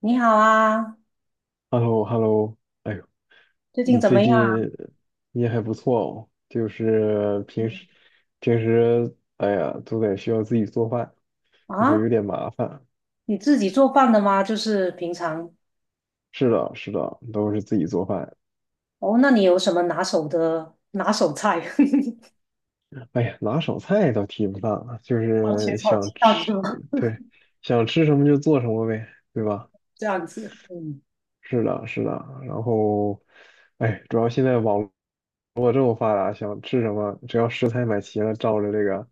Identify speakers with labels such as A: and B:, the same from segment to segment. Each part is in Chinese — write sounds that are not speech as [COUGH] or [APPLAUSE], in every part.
A: 你好啊，
B: Hello Hello, 哎呦。
A: 最近
B: 你
A: 怎
B: 最
A: 么样
B: 近。你也还不错哦，就是平时，哎呀，都得需要自己做饭，就
A: 啊？
B: 是
A: 啊，
B: 有点麻烦。
A: 你自己做饭的吗？就是平常
B: 是的，是的，都是自己做饭。
A: 哦，那你有什么拿手的菜？[LAUGHS]
B: 哎呀，拿手菜倒提不上啊，就
A: 番茄
B: 是
A: 炒鸡
B: 想
A: 蛋是
B: 吃，
A: 吗？
B: 对，想吃什么就做什么呗，对吧？
A: [LAUGHS] 这样子，嗯
B: 是的，是的。然后，哎，主要现在网络这么发达，想吃什么，只要食材买齐了，照着这个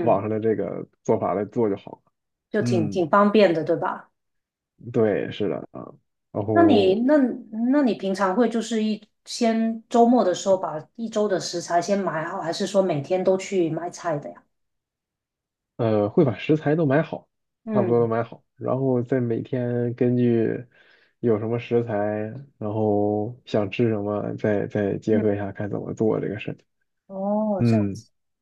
B: 网上的这个做法来做就好。
A: 就挺
B: 嗯，
A: 挺方便的，对吧？
B: 对，是的啊，然
A: 那你
B: 后
A: 那那你平常会就是先周末的时候把一周的食材先买好，还是说每天都去买菜的呀？
B: 会把食材都买好，差不多都
A: 嗯
B: 买好，然后再每天根据有什么食材，然后想吃什么，再结
A: 嗯，
B: 合一下看怎么做这个事情。
A: 哦，这样。
B: 嗯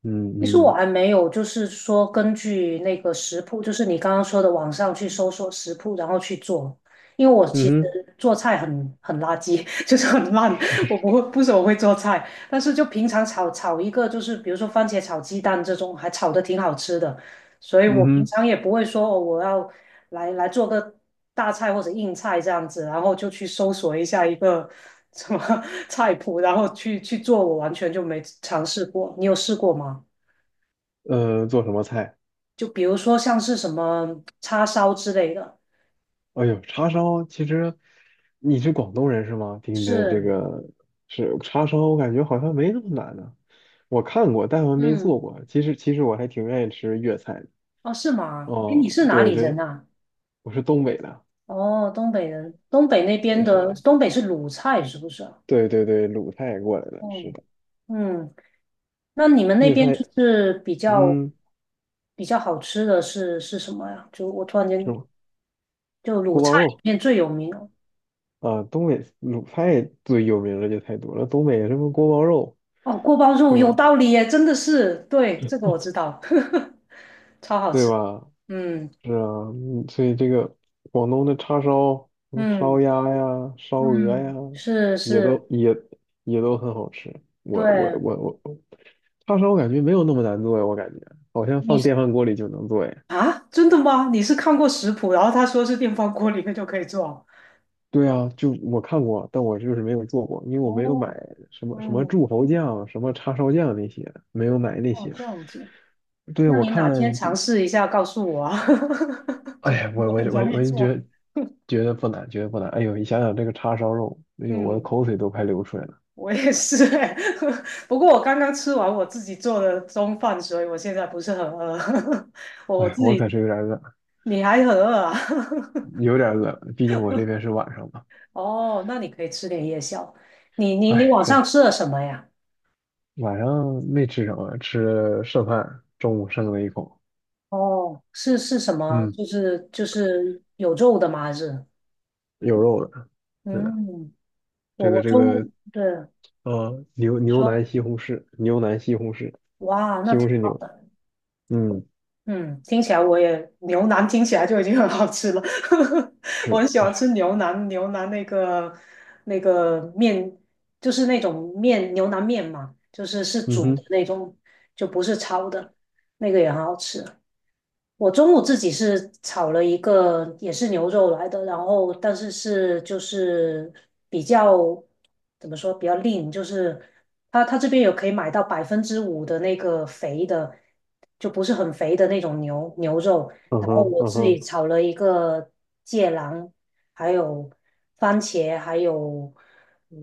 B: 嗯
A: 其实我
B: 嗯。
A: 还没有，就是说根据那个食谱，就是你刚刚说的网上去搜索食谱，然后去做。因为我
B: 嗯
A: 其实
B: 哼。
A: 做菜很垃圾，[LAUGHS] 就是很烂，我不怎么会做菜。但是就平常炒一个，就是比如说番茄炒鸡蛋这种，还炒的挺好吃的。所以我
B: 嗯
A: 平
B: 哼。
A: 常也不会说哦，我要来做个大菜或者硬菜这样子，然后就去搜索一下一个什么 [LAUGHS] 菜谱，然后去做，我完全就没尝试过。你有试过吗？
B: 做什么菜？
A: 就比如说像是什么叉烧之类的，
B: 哎呦，叉烧其实你是广东人是吗？听你的这
A: 是，
B: 个是叉烧，我感觉好像没那么难呢、我看过，但我没做
A: 嗯，
B: 过。其实我还挺愿意吃粤菜的。
A: 哦，是吗？哎，你
B: 哦，
A: 是哪
B: 对
A: 里人
B: 对，
A: 啊？
B: 我是东北的，
A: 哦，东北人，东北那
B: 我
A: 边的，
B: 是
A: 东北是鲁菜是不是啊？
B: 对对对，鲁菜过来的，是
A: 哦，
B: 的。
A: 嗯，那你们那
B: 粤
A: 边就
B: 菜，
A: 是比较
B: 嗯，
A: 比较好吃的是什么呀？就我突然
B: 什
A: 间
B: 么
A: 就鲁
B: 锅包
A: 菜里
B: 肉
A: 面最有名哦，
B: 啊、东北鲁菜最有名的就太多了，东北什么锅包肉
A: 哦，锅包肉
B: 是
A: 有
B: 吧？
A: 道理耶，真的是，对，这个我知道，[LAUGHS] 超好
B: 对
A: 吃，
B: 吧？
A: 嗯
B: 是啊，所以这个广东的叉烧，什么烧
A: 嗯
B: 鸭呀、烧鹅呀，
A: 嗯，是
B: 也
A: 是，
B: 都也也都很好吃。我我
A: 对。
B: 我我，叉烧我感觉没有那么难做呀，我感觉好像
A: 你
B: 放
A: 是
B: 电饭锅里就能做呀。
A: 啊，真的吗？你是看过食谱，然后他说是电饭锅里面就可以做？
B: 对啊，就我看过，但我就是没有做过，因为我没有买
A: 哦，
B: 什么什么柱
A: 嗯，
B: 侯酱、什么叉烧酱那些，没有买那
A: 哦，
B: 些。
A: 这样子，
B: 对啊，
A: 那
B: 我
A: 你哪天
B: 看这，
A: 尝试一下告诉我啊？[LAUGHS]
B: 哎
A: 煮
B: 呀，我
A: 果
B: 我
A: 很
B: 我
A: 容易
B: 我就觉
A: 做。
B: 得觉得不难，觉得不难。哎呦，你想想这个叉烧肉，哎呦，我的
A: 嗯，
B: 口水都快流出来了。
A: 我也是欸 [LAUGHS] 不过我刚刚吃完我自己做的中饭，所以我现在不是很饿。[LAUGHS] 我
B: 哎，
A: 自
B: 我
A: 己，
B: 可是有点饿，
A: 你还很饿啊？
B: 有点饿，毕竟我这边是晚上嘛。
A: [LAUGHS] 哦，那你可以吃点夜宵。你
B: 哎，
A: 晚上
B: 对，
A: 吃了什么呀？
B: 晚上没吃什么，吃了剩饭，中午剩了一口，
A: 哦，是什么？
B: 嗯，
A: 就是有肉的吗？还是？
B: 有肉的，是的，
A: 嗯，我
B: 这个
A: 我
B: 这个，
A: 中对
B: 牛
A: 你
B: 牛
A: 说，
B: 腩西红柿，
A: 哇，那
B: 西红
A: 挺
B: 柿
A: 好
B: 牛，
A: 的。
B: 嗯，
A: 嗯，听起来我也牛腩听起来就已经很好吃了。[LAUGHS] 我
B: 是，
A: 很喜欢
B: 哎，
A: 吃牛腩，牛腩那个面就是那种面牛腩面嘛，就是是
B: 嗯
A: 煮的
B: 哼，
A: 那种，就不是焯的，那个也很好吃。我中午自己是炒了一个也是牛肉来的，然后但是就是比较怎么说比较 lean，就是它这边有可以买到百分之五的那个肥的，就不是很肥的那种肉。
B: 嗯
A: 然后
B: 哼，
A: 我
B: 嗯
A: 自己
B: 哼。
A: 炒了一个芥蓝，还有番茄，还有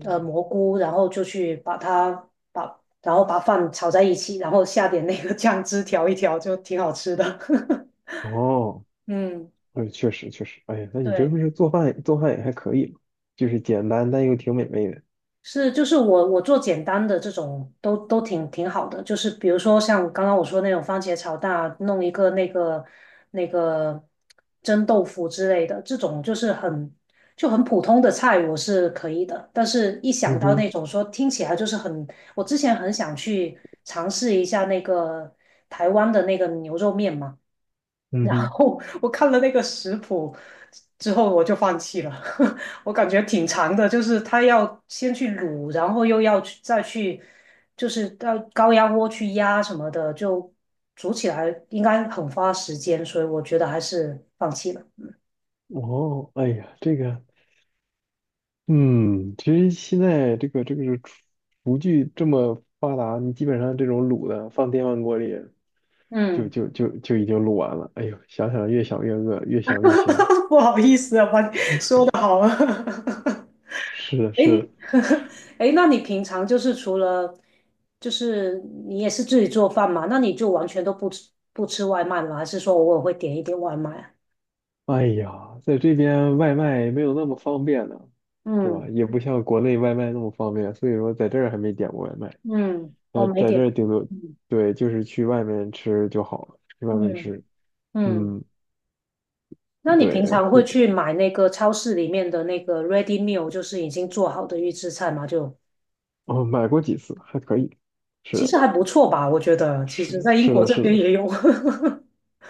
A: 蘑菇，然后就去把它把然后把饭炒在一起，然后下点那个酱汁调一调，就挺好吃的。[LAUGHS]
B: 哦，
A: 嗯，
B: 哎，确实确实，哎呀，那你这不
A: 对，
B: 是做饭做饭也还可以嘛，就是简单但又挺美味的，
A: 是就是我做简单的这种都挺好的，就是比如说像刚刚我说那种番茄炒蛋啊，弄一个那个蒸豆腐之类的，这种就是就很普通的菜，我是可以的。但是一想
B: 嗯
A: 到
B: 哼，
A: 那种说听起来就是很，我之前很想去尝试一下那个台湾的那个牛肉面嘛。
B: 嗯
A: 然
B: 哼。
A: 后我看了那个食谱之后，我就放弃了。[LAUGHS] 我感觉挺长的，就是它要先去卤，然后又要再去，就是到高压锅去压什么的，就煮起来应该很花时间，所以我觉得还是放弃了。
B: 哦，哎呀，这个嗯，其实现在这个是厨具这么发达，你基本上这种卤的放电饭锅里就
A: 嗯，
B: 就就就已经卤完了。哎呦，想想越想越饿，越想越香。
A: [LAUGHS] 不好意思啊，把你说的好了。
B: 是的，
A: [LAUGHS]
B: 是
A: 诶，
B: 的。
A: [LAUGHS] 诶，那你平常就是除了，就是你也是自己做饭嘛？那你就完全都不吃外卖吗？还是说偶尔会点一点外卖啊？
B: 哎呀，在这边外卖没有那么方便呢，是吧？
A: 嗯
B: 也不像国内外卖那么方便，所以说在这儿还没点过外卖。
A: 嗯，我没
B: 在这
A: 点。
B: 儿顶多
A: 嗯
B: 对，就是去外面吃就好了，去外面
A: 嗯
B: 吃。
A: 嗯，
B: 嗯，
A: 那你
B: 对，
A: 平常
B: 不，
A: 会去买那个超市里面的那个 ready meal，就是已经做好的预制菜吗？就
B: 哦，买过几次还可以。是
A: 其
B: 的。
A: 实还不错吧，我觉得。其实，
B: 是
A: 在英
B: 是
A: 国
B: 的，
A: 这
B: 是的，
A: 边也有。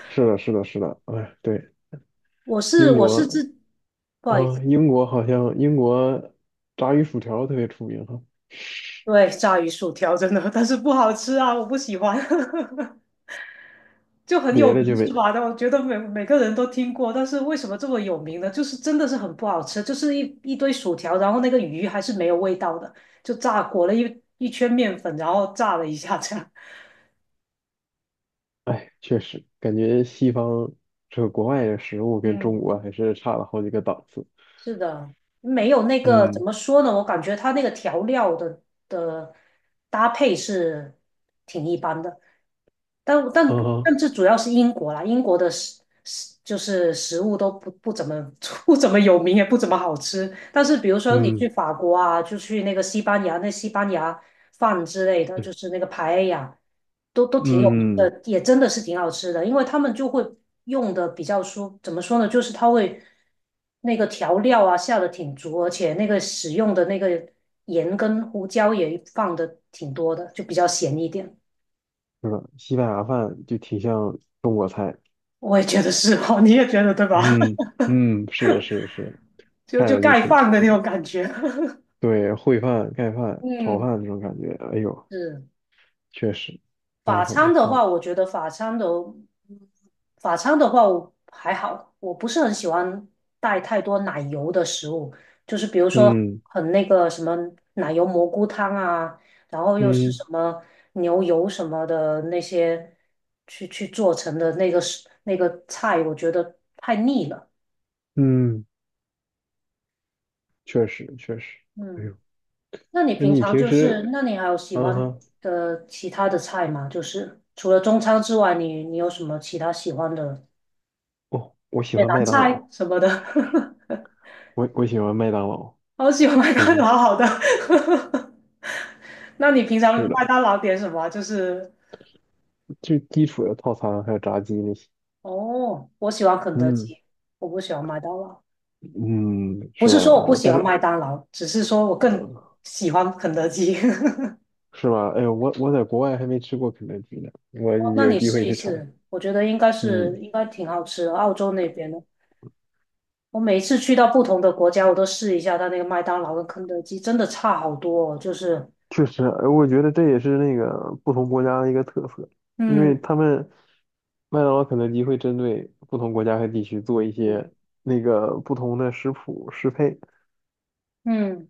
B: 是的，是的，是的，哎，对，
A: [LAUGHS]
B: 英
A: 我是
B: 国
A: 自，不好意
B: 啊，
A: 思。
B: 英国炸鱼薯条特别出名哈，
A: 对，炸鱼薯条真的，但是不好吃啊，我不喜欢，[LAUGHS] 就很
B: 别
A: 有
B: 的就
A: 名
B: 没，
A: 是吧？但我觉得每个人都听过，但是为什么这么有名呢？就是真的是很不好吃，就是一堆薯条，然后那个鱼还是没有味道的，就炸裹了一圈面粉，然后炸了一下这样。[LAUGHS]
B: 哎，确实感觉西方这个国外的食物跟中
A: 嗯
B: 国还是差了好几个档次。
A: 是的，没有那个怎
B: 嗯，
A: 么说呢？我感觉它那个调料的的搭配是挺一般的，但但
B: 嗯
A: 但
B: 哈，
A: 这主要是英国啦，英国的就是食物都不怎么 [LAUGHS] 不怎么有名，也不怎么好吃。但是比如说你去
B: 嗯，
A: 法国啊，就去那个西班牙，那西班牙饭之类的，就
B: 对，
A: 是那个排呀，都挺有名
B: 嗯，
A: 的，也真的是挺好吃的。因为他们就会用的比较说，怎么说呢，就是他会那个调料啊下的挺足，而且那个使用的那个盐跟胡椒也放的挺多的，就比较咸一点。
B: 是的，西班牙饭就挺像中国菜。
A: 我也觉得是哦，你也觉得对吧？
B: 嗯
A: [LAUGHS]
B: 嗯，是的，是的，是的，
A: 就
B: 看
A: 就
B: 着就
A: 盖
B: 挺
A: 饭的那
B: 挺，
A: 种感觉。
B: 对，烩饭、盖
A: [LAUGHS]
B: 饭、炒
A: 嗯，
B: 饭这种感觉，哎呦。
A: 是。
B: 确实，还
A: 法
B: 是很
A: 餐
B: 不
A: 的
B: 错的。
A: 话，我觉得法餐的，嗯法餐的话我还好，我不是很喜欢带太多奶油的食物，就是比如说
B: 嗯
A: 很那个什么奶油蘑菇汤啊，然后又是
B: 嗯
A: 什么牛油什么的那些去做成的那个食那个菜，我觉得太腻了。
B: 嗯，确实确实。哎
A: 嗯，
B: 呦，
A: 那你
B: 那
A: 平
B: 你
A: 常
B: 平
A: 就是，
B: 时，
A: 那你还有喜
B: 嗯
A: 欢
B: 哼，
A: 的其他的菜吗？就是除了中餐之外，你你有什么其他喜欢的？
B: 哦，我喜
A: 也
B: 欢
A: 难
B: 麦当
A: 猜
B: 劳，
A: 什么的，[LAUGHS]
B: 我喜欢麦当劳，
A: 好喜欢麦当劳，
B: 嗯，
A: 好的。[LAUGHS] 那你平常
B: 是
A: 麦
B: 的，
A: 当劳点什么啊就是
B: 最基础的套餐还有炸鸡那些。
A: 哦，我喜欢肯德
B: 嗯
A: 基，我不喜欢麦当劳。
B: 嗯，
A: 不
B: 是
A: 是
B: 吧？
A: 说我不
B: 我
A: 喜
B: 但
A: 欢
B: 是，
A: 麦当劳，只是说我更
B: 呃，
A: 喜欢肯德基。[LAUGHS]
B: 是吧？哎呦，我在国外还没吃过肯德基呢，我
A: 哦，那
B: 有
A: 你
B: 机
A: 试
B: 会
A: 一
B: 去尝。
A: 试，我觉得
B: 嗯，
A: 应该挺好吃的，澳洲那边的。我每一次去到不同的国家，我都试一下它那个麦当劳跟肯德基，真的差好多哦。就是，
B: 确实，我觉得这也是那个不同国家的一个特色，因为
A: 嗯
B: 他们麦当劳、肯德基会针对不同国家和地区做一
A: 嗯
B: 些那个不同的食谱适配，
A: 嗯，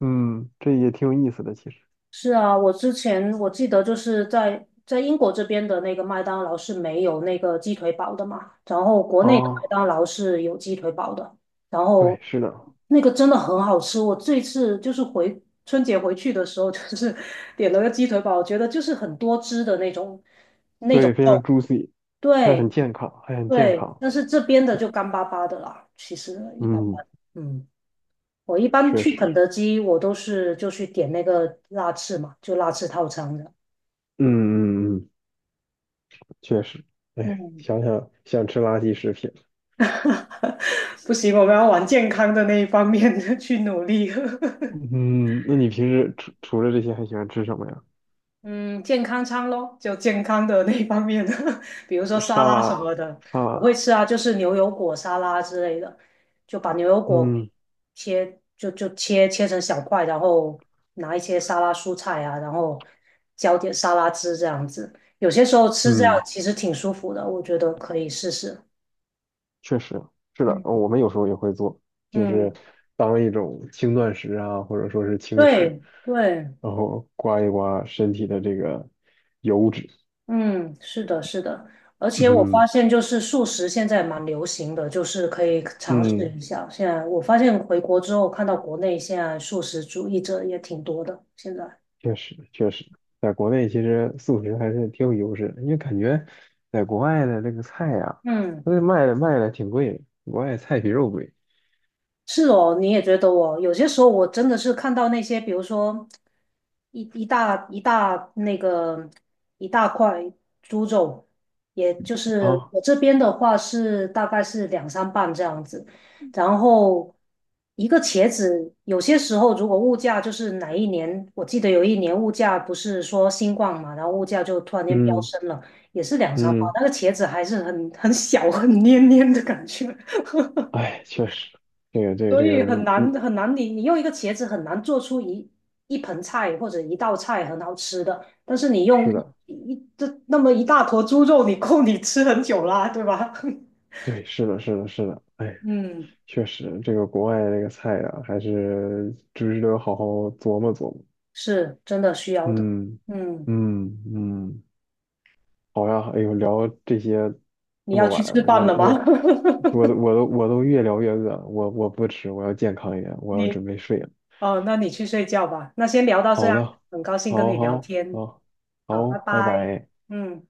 B: 嗯，这也挺有意思的，其实。
A: 是啊，我之前我记得就是在英国这边的那个麦当劳是没有那个鸡腿堡的嘛，然后国内的麦
B: 啊，
A: 当劳是有鸡腿堡的，然
B: 对，
A: 后
B: 是的，
A: 那个真的很好吃。我这次就是春节回去的时候，就是 [LAUGHS] 点了个鸡腿堡，我觉得就是很多汁的那种，
B: 对，非常 juicy，还
A: 对
B: 很健康，还很健
A: 对，
B: 康，
A: 但是这边的就干巴巴的啦，其实一般
B: 嗯，
A: 般。嗯，我一般
B: 确
A: 去
B: 实，
A: 肯德基，我都是就去点那个辣翅嘛，就辣翅套餐的。
B: 嗯嗯嗯，确实，哎，
A: 嗯。
B: 想吃垃圾食品，
A: [LAUGHS] 不行，我们要往健康的那一方面 [LAUGHS] 去努力。[LAUGHS]
B: 嗯，那你平时除了这些还喜欢吃什么呀？
A: 嗯，健康餐咯，就健康的那一方面，[LAUGHS] 比如说沙
B: 沙
A: 拉什么啊
B: 拉，
A: 的，
B: 沙
A: 我
B: 拉。
A: 会吃啊，就是牛油果沙拉之类的，就把牛油果给
B: 嗯。
A: 切，就切成小块，然后拿一些沙拉蔬菜啊，然后浇点沙拉汁这样子。有些时候吃这样
B: 嗯，
A: 其实挺舒服的，我觉得可以试试。
B: 确实是的，
A: 嗯
B: 我们有时候也会做，就是
A: 嗯，
B: 当一种轻断食啊，或者说是轻食，
A: 对对。
B: 然后刮一刮身体的这个油脂。
A: 嗯，是的，是的，而且我发
B: 嗯
A: 现就是素食现在蛮流行的，就是可以尝试
B: 嗯，
A: 一下。现在我发现回国之后，看到国内现在素食主义者也挺多的，现在。
B: 确实确实，在国内其实素食还是挺有优势的，因为感觉在国外的这个菜呀、
A: 嗯。
B: 它那卖的挺贵的，国外菜比肉贵
A: 是哦，你也觉得哦，有些时候我真的是看到那些，比如说一大那个一大块猪肘，也就是
B: 啊。
A: 我这边的话是大概是两三磅这样子，然后一个茄子，有些时候如果物价就是哪一年，我记得有一年物价不是说新冠嘛，然后物价就突然间飙
B: 嗯
A: 升了，也是两三磅，
B: 嗯，
A: 那个茄子还是很小黏黏的感觉。
B: 哎，确实，这个这个
A: 所
B: 这个，
A: 以
B: 嗯嗯，
A: 很难，用一个茄子很难做出一盆菜或者一道菜很好吃的，但是你用
B: 是
A: 一
B: 的，
A: 一这那么一大坨猪肉，你够你吃很久啦，对吧？
B: 对，是的，是的，是的，哎。
A: [LAUGHS] 嗯，
B: 确实，这个国外的这个菜呀、还是值得好好琢磨琢磨。
A: 是真的需要的。
B: 嗯
A: 嗯，
B: 嗯嗯，好呀，哎呦，聊这些
A: 你
B: 这
A: 要
B: 么
A: 去
B: 晚，
A: 吃
B: 我
A: 饭了吗？
B: 我我都越聊越饿，我不吃，我要健康一点，
A: [LAUGHS]
B: 我要
A: 你
B: 准备睡了。
A: 哦，那你去睡觉吧。那先聊到这
B: 好
A: 样，
B: 的，
A: 很高兴跟
B: 好
A: 你聊
B: 好
A: 天。
B: 好
A: 好，
B: 好，
A: 拜
B: 拜
A: 拜。
B: 拜。
A: 嗯。